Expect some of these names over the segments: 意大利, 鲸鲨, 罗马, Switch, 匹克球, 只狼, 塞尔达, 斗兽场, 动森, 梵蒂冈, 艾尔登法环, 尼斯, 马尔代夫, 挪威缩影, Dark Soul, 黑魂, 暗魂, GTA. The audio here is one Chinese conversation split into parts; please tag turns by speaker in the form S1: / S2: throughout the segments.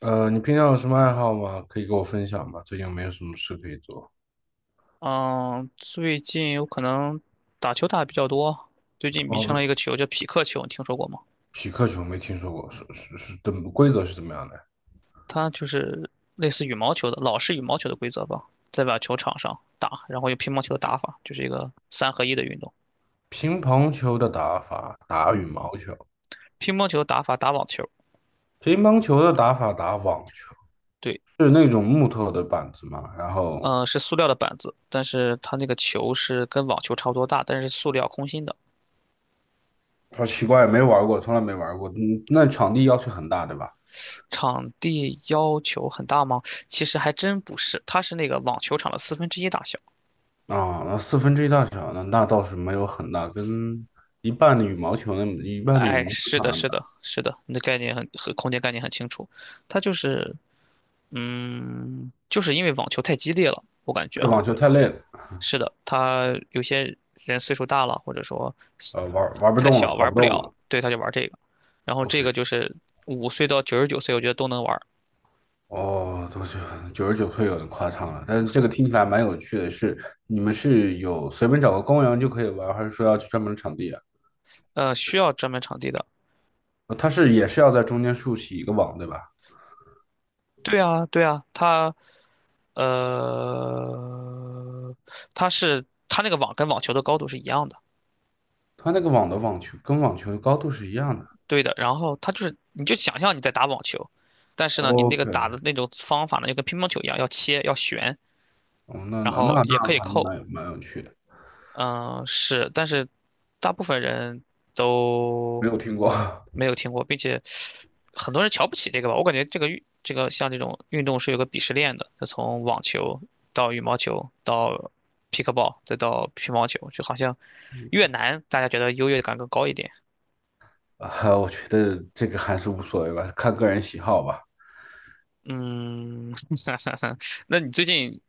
S1: 你平常有什么爱好吗？可以给我分享吗？最近有没有什么事可以做？
S2: 嗯，最近有可能打球打的比较多，最近迷上
S1: 哦，
S2: 了一个球叫匹克球，你听说过吗？
S1: 匹克球没听说过，是，怎么规则是怎么样的？
S2: 它就是类似羽毛球的老式羽毛球的规则吧，在把球场上打，然后用乒乓球的打法，就是一个三合一的运动。
S1: 乒乓球的打法打羽毛球，
S2: 乒乓球打法打网球，
S1: 乒乓球的打法打网球，
S2: 对，
S1: 就是那种木头的板子嘛。然后
S2: 嗯、是塑料的板子，但是它那个球是跟网球差不多大，但是是塑料空心的。
S1: 好奇怪，没玩过，从来没玩过。嗯，那场地要求很大，对吧？
S2: 场地要求很大吗？其实还真不是，它是那个网球场的四分之一大小。
S1: 啊，那四分之一大小，那倒是没有很大，跟一半的羽
S2: 哎，
S1: 毛球
S2: 是
S1: 场
S2: 的，
S1: 那么
S2: 是
S1: 大。
S2: 的，是的，你的概念空间概念很清楚，它就是，嗯，就是因为网球太激烈了，我感觉
S1: 对，
S2: 啊，
S1: 网球太累了，
S2: 是的，他有些人岁数大了，或者说
S1: 玩不
S2: 太
S1: 动了，
S2: 小
S1: 跑
S2: 玩
S1: 不
S2: 不
S1: 动
S2: 了，
S1: 了。
S2: 对，他就玩这个，然后
S1: OK,
S2: 这个就是5岁到99岁，我觉得都能玩儿。
S1: 哦，多是九十九岁有点夸张了，但是这个听起来蛮有趣的是，你们是有随便找个公园就可以玩，还是说要去专门的场地啊？
S2: 需要专门场地的，
S1: 它是也是要在中间竖起一个网，对吧？
S2: 对啊，对啊，呃，它是它那个网跟网球的高度是一样的，
S1: 它那个网的网球跟网球的高度是一样的。
S2: 对的，然后它就是，你就想象你在打网球，但是呢，你那个
S1: OK,
S2: 打的那种方法呢，就跟乒乓球一样，要切，要旋，
S1: 哦那
S2: 然
S1: 那那
S2: 后
S1: 那
S2: 也可以
S1: 还是
S2: 扣。
S1: 蛮有趣的，
S2: 嗯，是，但是大部分人
S1: 没
S2: 都
S1: 有听过
S2: 没 有听过，并且很多人瞧不起这个吧。我感觉这个运，这个像这种运动是有个鄙视链的，就从网球到羽毛球到 p i c k l b a l 再到乒乓球，就好像越难，大家觉得优越感更高一点。
S1: 啊，我觉得这个还是无所谓吧，看个人喜好吧。
S2: 嗯，那你最近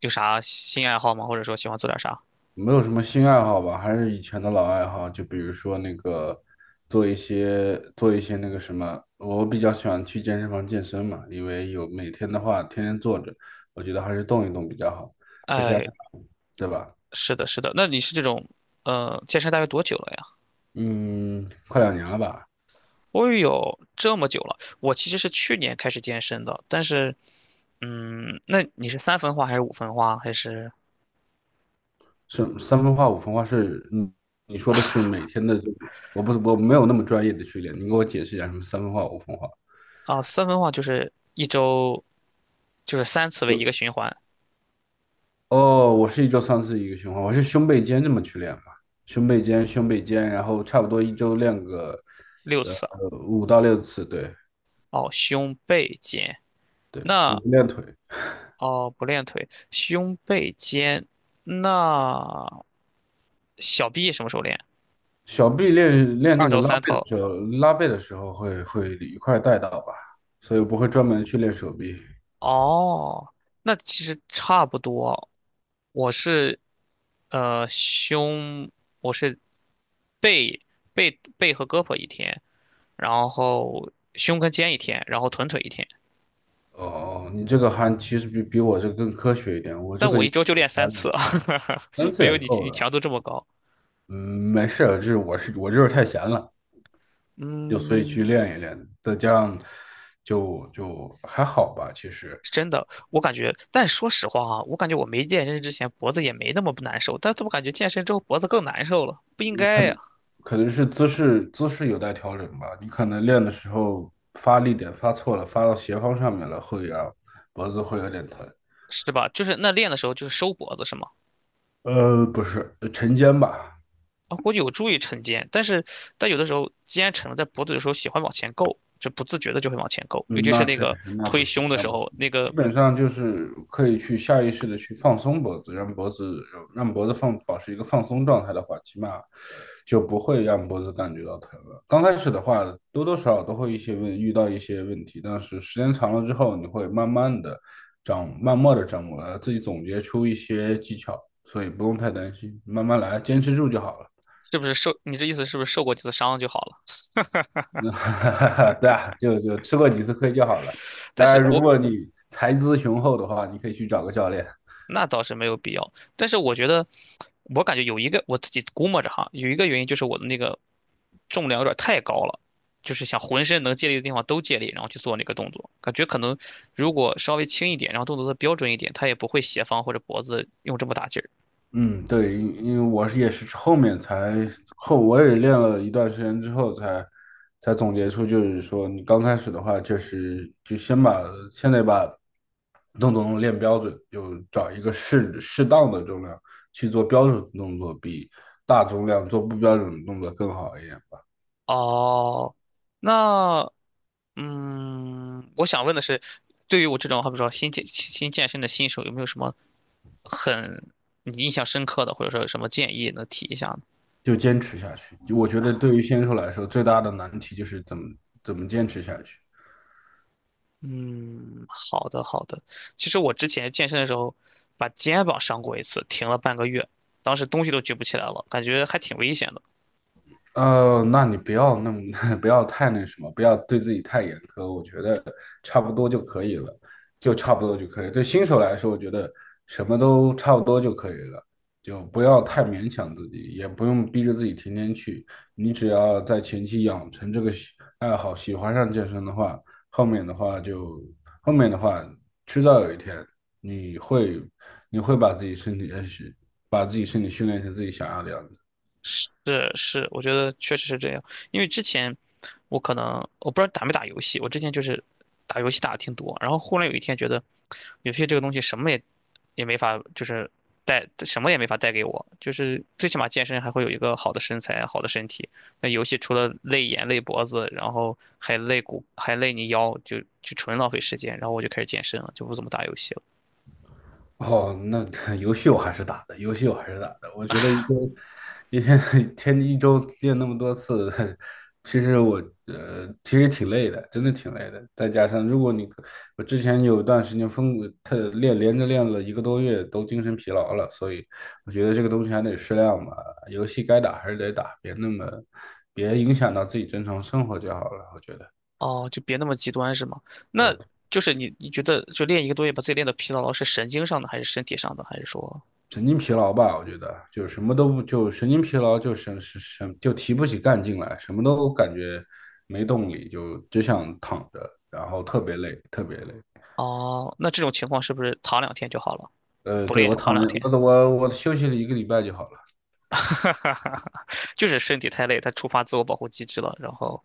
S2: 有啥新爱好吗？或者说喜欢做点啥？
S1: 没有什么新爱好吧，还是以前的老爱好，就比如说那个做一些那个什么，我比较喜欢去健身房健身嘛，因为有每天的话天天坐着，我觉得还是动一动比较好，再加
S2: 哎，
S1: 上对吧？
S2: 是的，是的。那你是这种健身大约多久了呀？
S1: 嗯，快两年了吧？
S2: 我有这么久了。我其实是去年开始健身的，但是嗯，那你是三分化还是五分化？还是
S1: 是三分化五分化是，嗯，你说的是每天的这个我没有那么专业的训练，你给我解释一下什么三分化五分化？
S2: 啊，三分化就是一周就是三次为一个循环，
S1: 哦，我是一周三次一个循环，我是胸背肩这么去练嘛，胸背肩，然后差不多一周练个
S2: 六次啊。
S1: 五到六次，对
S2: 哦，胸背肩。
S1: 对，我
S2: 那
S1: 不练腿，
S2: 哦，不练腿，胸背肩。那小臂什么时候练？
S1: 小臂练练那
S2: 二
S1: 个
S2: 头、
S1: 拉
S2: 三
S1: 背的
S2: 头。
S1: 时候，拉背的时候会一块儿带到吧，所以我不会专门去练手臂。
S2: 哦，那其实差不多。我是呃胸，我是背背和胳膊一天，然后胸跟肩一天，然后臀腿一天。
S1: 哦，你这个还其实比我这个更科学一点，我这
S2: 但
S1: 个
S2: 我一
S1: 就
S2: 周就练三次，
S1: 三 次
S2: 没有
S1: 也
S2: 你
S1: 够
S2: 你
S1: 了。
S2: 强度这么高。
S1: 嗯，没事儿，就是我就是太闲了。就所以
S2: 嗯，
S1: 去练一练，再加上就还好吧，其实
S2: 是真的，我感觉，但说实话啊，我感觉我没健身之前脖子也没那么不难受，但怎么感觉健身之后脖子更难受了，不应该
S1: 可
S2: 呀，
S1: 可能是姿势有待调整吧，你可能练的时候发力点发错了，发到斜方上面了，会让脖子会有点疼。
S2: 是吧？就是那练的时候就是收脖子是吗？
S1: 不是，沉肩吧，
S2: 啊，估计有助于晨肩，但是有的时候肩沉了，在脖子的时候喜欢往前够，就不自觉的就会往前够，尤
S1: 嗯，
S2: 其是
S1: 那确
S2: 那个
S1: 实，
S2: 推胸的
S1: 那
S2: 时
S1: 不行。
S2: 候，那
S1: 基
S2: 个
S1: 本上就是可以去下意识的去放松脖子，让脖子保持一个放松状态的话，起码就不会让脖子感觉到疼了。刚开始的话，多多少少都会一些问遇到一些问题，但是时间长了之后，你会慢慢的慢慢的掌握了，自己总结出一些技巧，所以不用太担心，慢慢来，坚持住就好了。
S2: 是不是受？你这意思是不是受过几次伤就好了？
S1: 那 对啊，就吃过几次亏就好了。
S2: 但
S1: 当然，
S2: 是
S1: 如
S2: 我
S1: 果你财资雄厚的话，你可以去找个教练。
S2: 那倒是没有必要，但是我觉得，我感觉有一个我自己估摸着哈，有一个原因就是我的那个重量有点太高了，就是想浑身能借力的地方都借力，然后去做那个动作，感觉可能如果稍微轻一点，然后动作的标准一点，他也不会斜方或者脖子用这么大劲儿。
S1: 嗯，对，因为我是也是后面才我也练了一段时间之后才总结出，就是说你刚开始的话，就是就先得把动作能练标准，就找一个适当的重量去做标准动作，比大重量做不标准的动作更好一点。
S2: 哦，那我想问的是，对于我这种好比说新健身的新手，有没有什么很你印象深刻的，或者说有什么建议能提一下呢？
S1: 就坚持下去。就我觉得对于新手来说，最大的难题就是怎么坚持下去。
S2: 嗯，好的好的。其实我之前健身的时候，把肩膀伤过一次，停了半个月，当时东西都举不起来了，感觉还挺危险的。
S1: 呃，那你不要那么，不要太那什么，不要对自己太严苛，我觉得差不多就可以了，就差不多就可以。对新手来说，我觉得什么都差不多就可以了，就不要太勉强自己，也不用逼着自己天天去。你只要在前期养成这个爱好，喜欢上健身的话，后面的话就，后面的话,迟早有一天你会，你会把自己身体，把自己身体训练成自己想要的样子。
S2: 是是，我觉得确实是这样。因为之前我可能我不知道打没打游戏，我之前就是打游戏打的挺多，然后忽然有一天觉得游戏这个东西什么也没法，就是带什么也没法带给我，就是最起码健身还会有一个好的身材、好的身体。那游戏除了累眼、累脖子，然后还累骨、还累你腰，就纯浪费时间。然后我就开始健身了，就不怎么打游戏了。
S1: 哦，那 游戏我还是打的，游戏我还是打的。我觉得一周一天 一周练那么多次，其实我其实挺累的，真的挺累的。再加上如果你我之前有段时间疯特练连着练了一个多月，都精神疲劳了，所以我觉得这个东西还得适量吧。游戏该打还是得打，别那么别影响到自己正常生活就好了，我觉得。
S2: 哦，就别那么极端是吗？那就是你觉得就练一个多月把自己练得疲劳了，是神经上的还是身体上的？还是说，
S1: 神经疲劳吧，我觉得就是什么都不就神经疲劳就神神神就提不起干劲来，什么都感觉没动力，就只想躺着，然后特别累，特别累。
S2: 哦，那这种情况是不是躺两天就好了？
S1: 呃，
S2: 不
S1: 对，
S2: 练
S1: 我
S2: 躺
S1: 躺了，
S2: 两天，
S1: 我休息了一个礼拜就好了。
S2: 就是身体太累，它触发自我保护机制了。然后，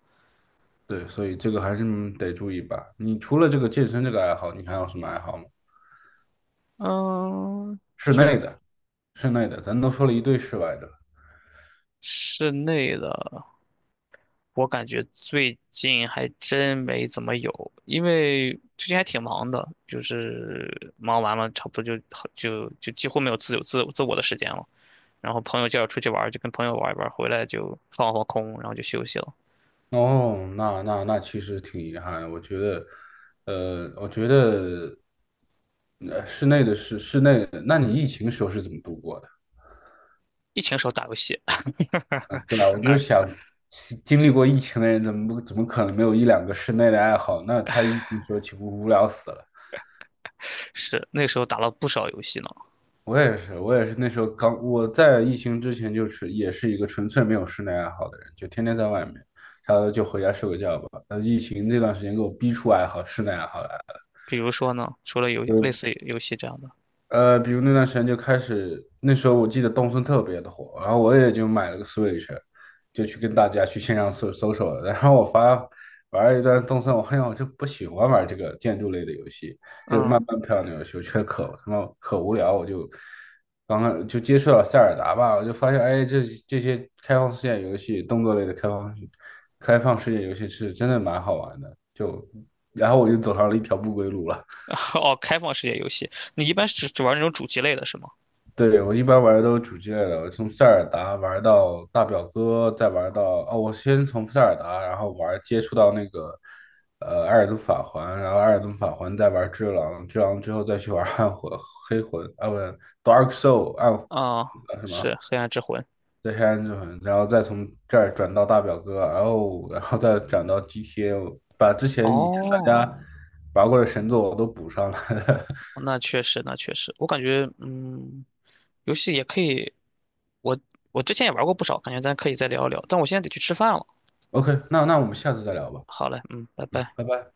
S1: 对，所以这个还是得注意吧。你除了这个健身这个爱好，你还有什么爱好吗？
S2: 嗯，
S1: 室
S2: 就
S1: 内的，室内的，咱都说了一堆室外的了
S2: 室内的，我感觉最近还真没怎么有，因为最近还挺忙的，就是忙完了差不多就几乎没有自由自自我的时间了。然后朋友叫我出去玩儿，就跟朋友玩一玩儿，回来就放空，然后就休息了。
S1: 哦，那其实挺遗憾的。我觉得，室内的那你疫情时候是怎么度过的？
S2: 疫情时候打游戏，
S1: 嗯，对吧？我就
S2: 那
S1: 想，经历过疫情的人，怎么可能没有一两个室内的爱好？那他疫情时候岂不无聊死了？
S2: 是那时候打了不少游戏呢。
S1: 我也是，我也是那时候我在疫情之前就是也是一个纯粹没有室内爱好的人，就天天在外面，他就回家睡个觉吧。那疫情这段时间给我逼出室内爱好来了。
S2: 比如说呢，除了类似游戏这样的，
S1: 呃，比如那段时间就开始，那时候我记得动森特别的火，然后我也就买了个 Switch,就去跟大家去线上搜索了。然后玩了一段动森，我发现我就不喜欢玩这个建筑类的游戏，就
S2: 嗯，
S1: 慢慢漂亮的游戏，我觉得可他妈可无聊，我刚刚就接触了塞尔达吧，我就发现，哎，这些开放世界游戏，动作类的开放开放世界游戏是真的蛮好玩的，然后我就走上了一条不归路了。
S2: 哦，开放世界游戏，你一般是只玩那种主机类的是吗？
S1: 对，我一般玩的都是主机类的，我从塞尔达玩到大表哥，再玩到哦，我先从塞尔达，然后接触到那个艾尔登法环，然后艾尔登法环再玩只狼，只狼之后再去玩黑魂啊，不是 Dark Soul 暗啊
S2: 啊、
S1: 什
S2: 是
S1: 么
S2: 《黑暗之魂》。
S1: 再黑暗之魂，然后再从这儿转到大表哥，然后再转到 GTA,把之前以前大
S2: 哦，
S1: 家玩过的神作我都补上了。
S2: 那确实，那确实，我感觉，游戏也可以，我我之前也玩过不少，感觉咱可以再聊一聊，但我现在得去吃饭了。
S1: OK,那我们下次再聊吧，
S2: 好嘞，嗯，拜
S1: 嗯，
S2: 拜。
S1: 拜拜。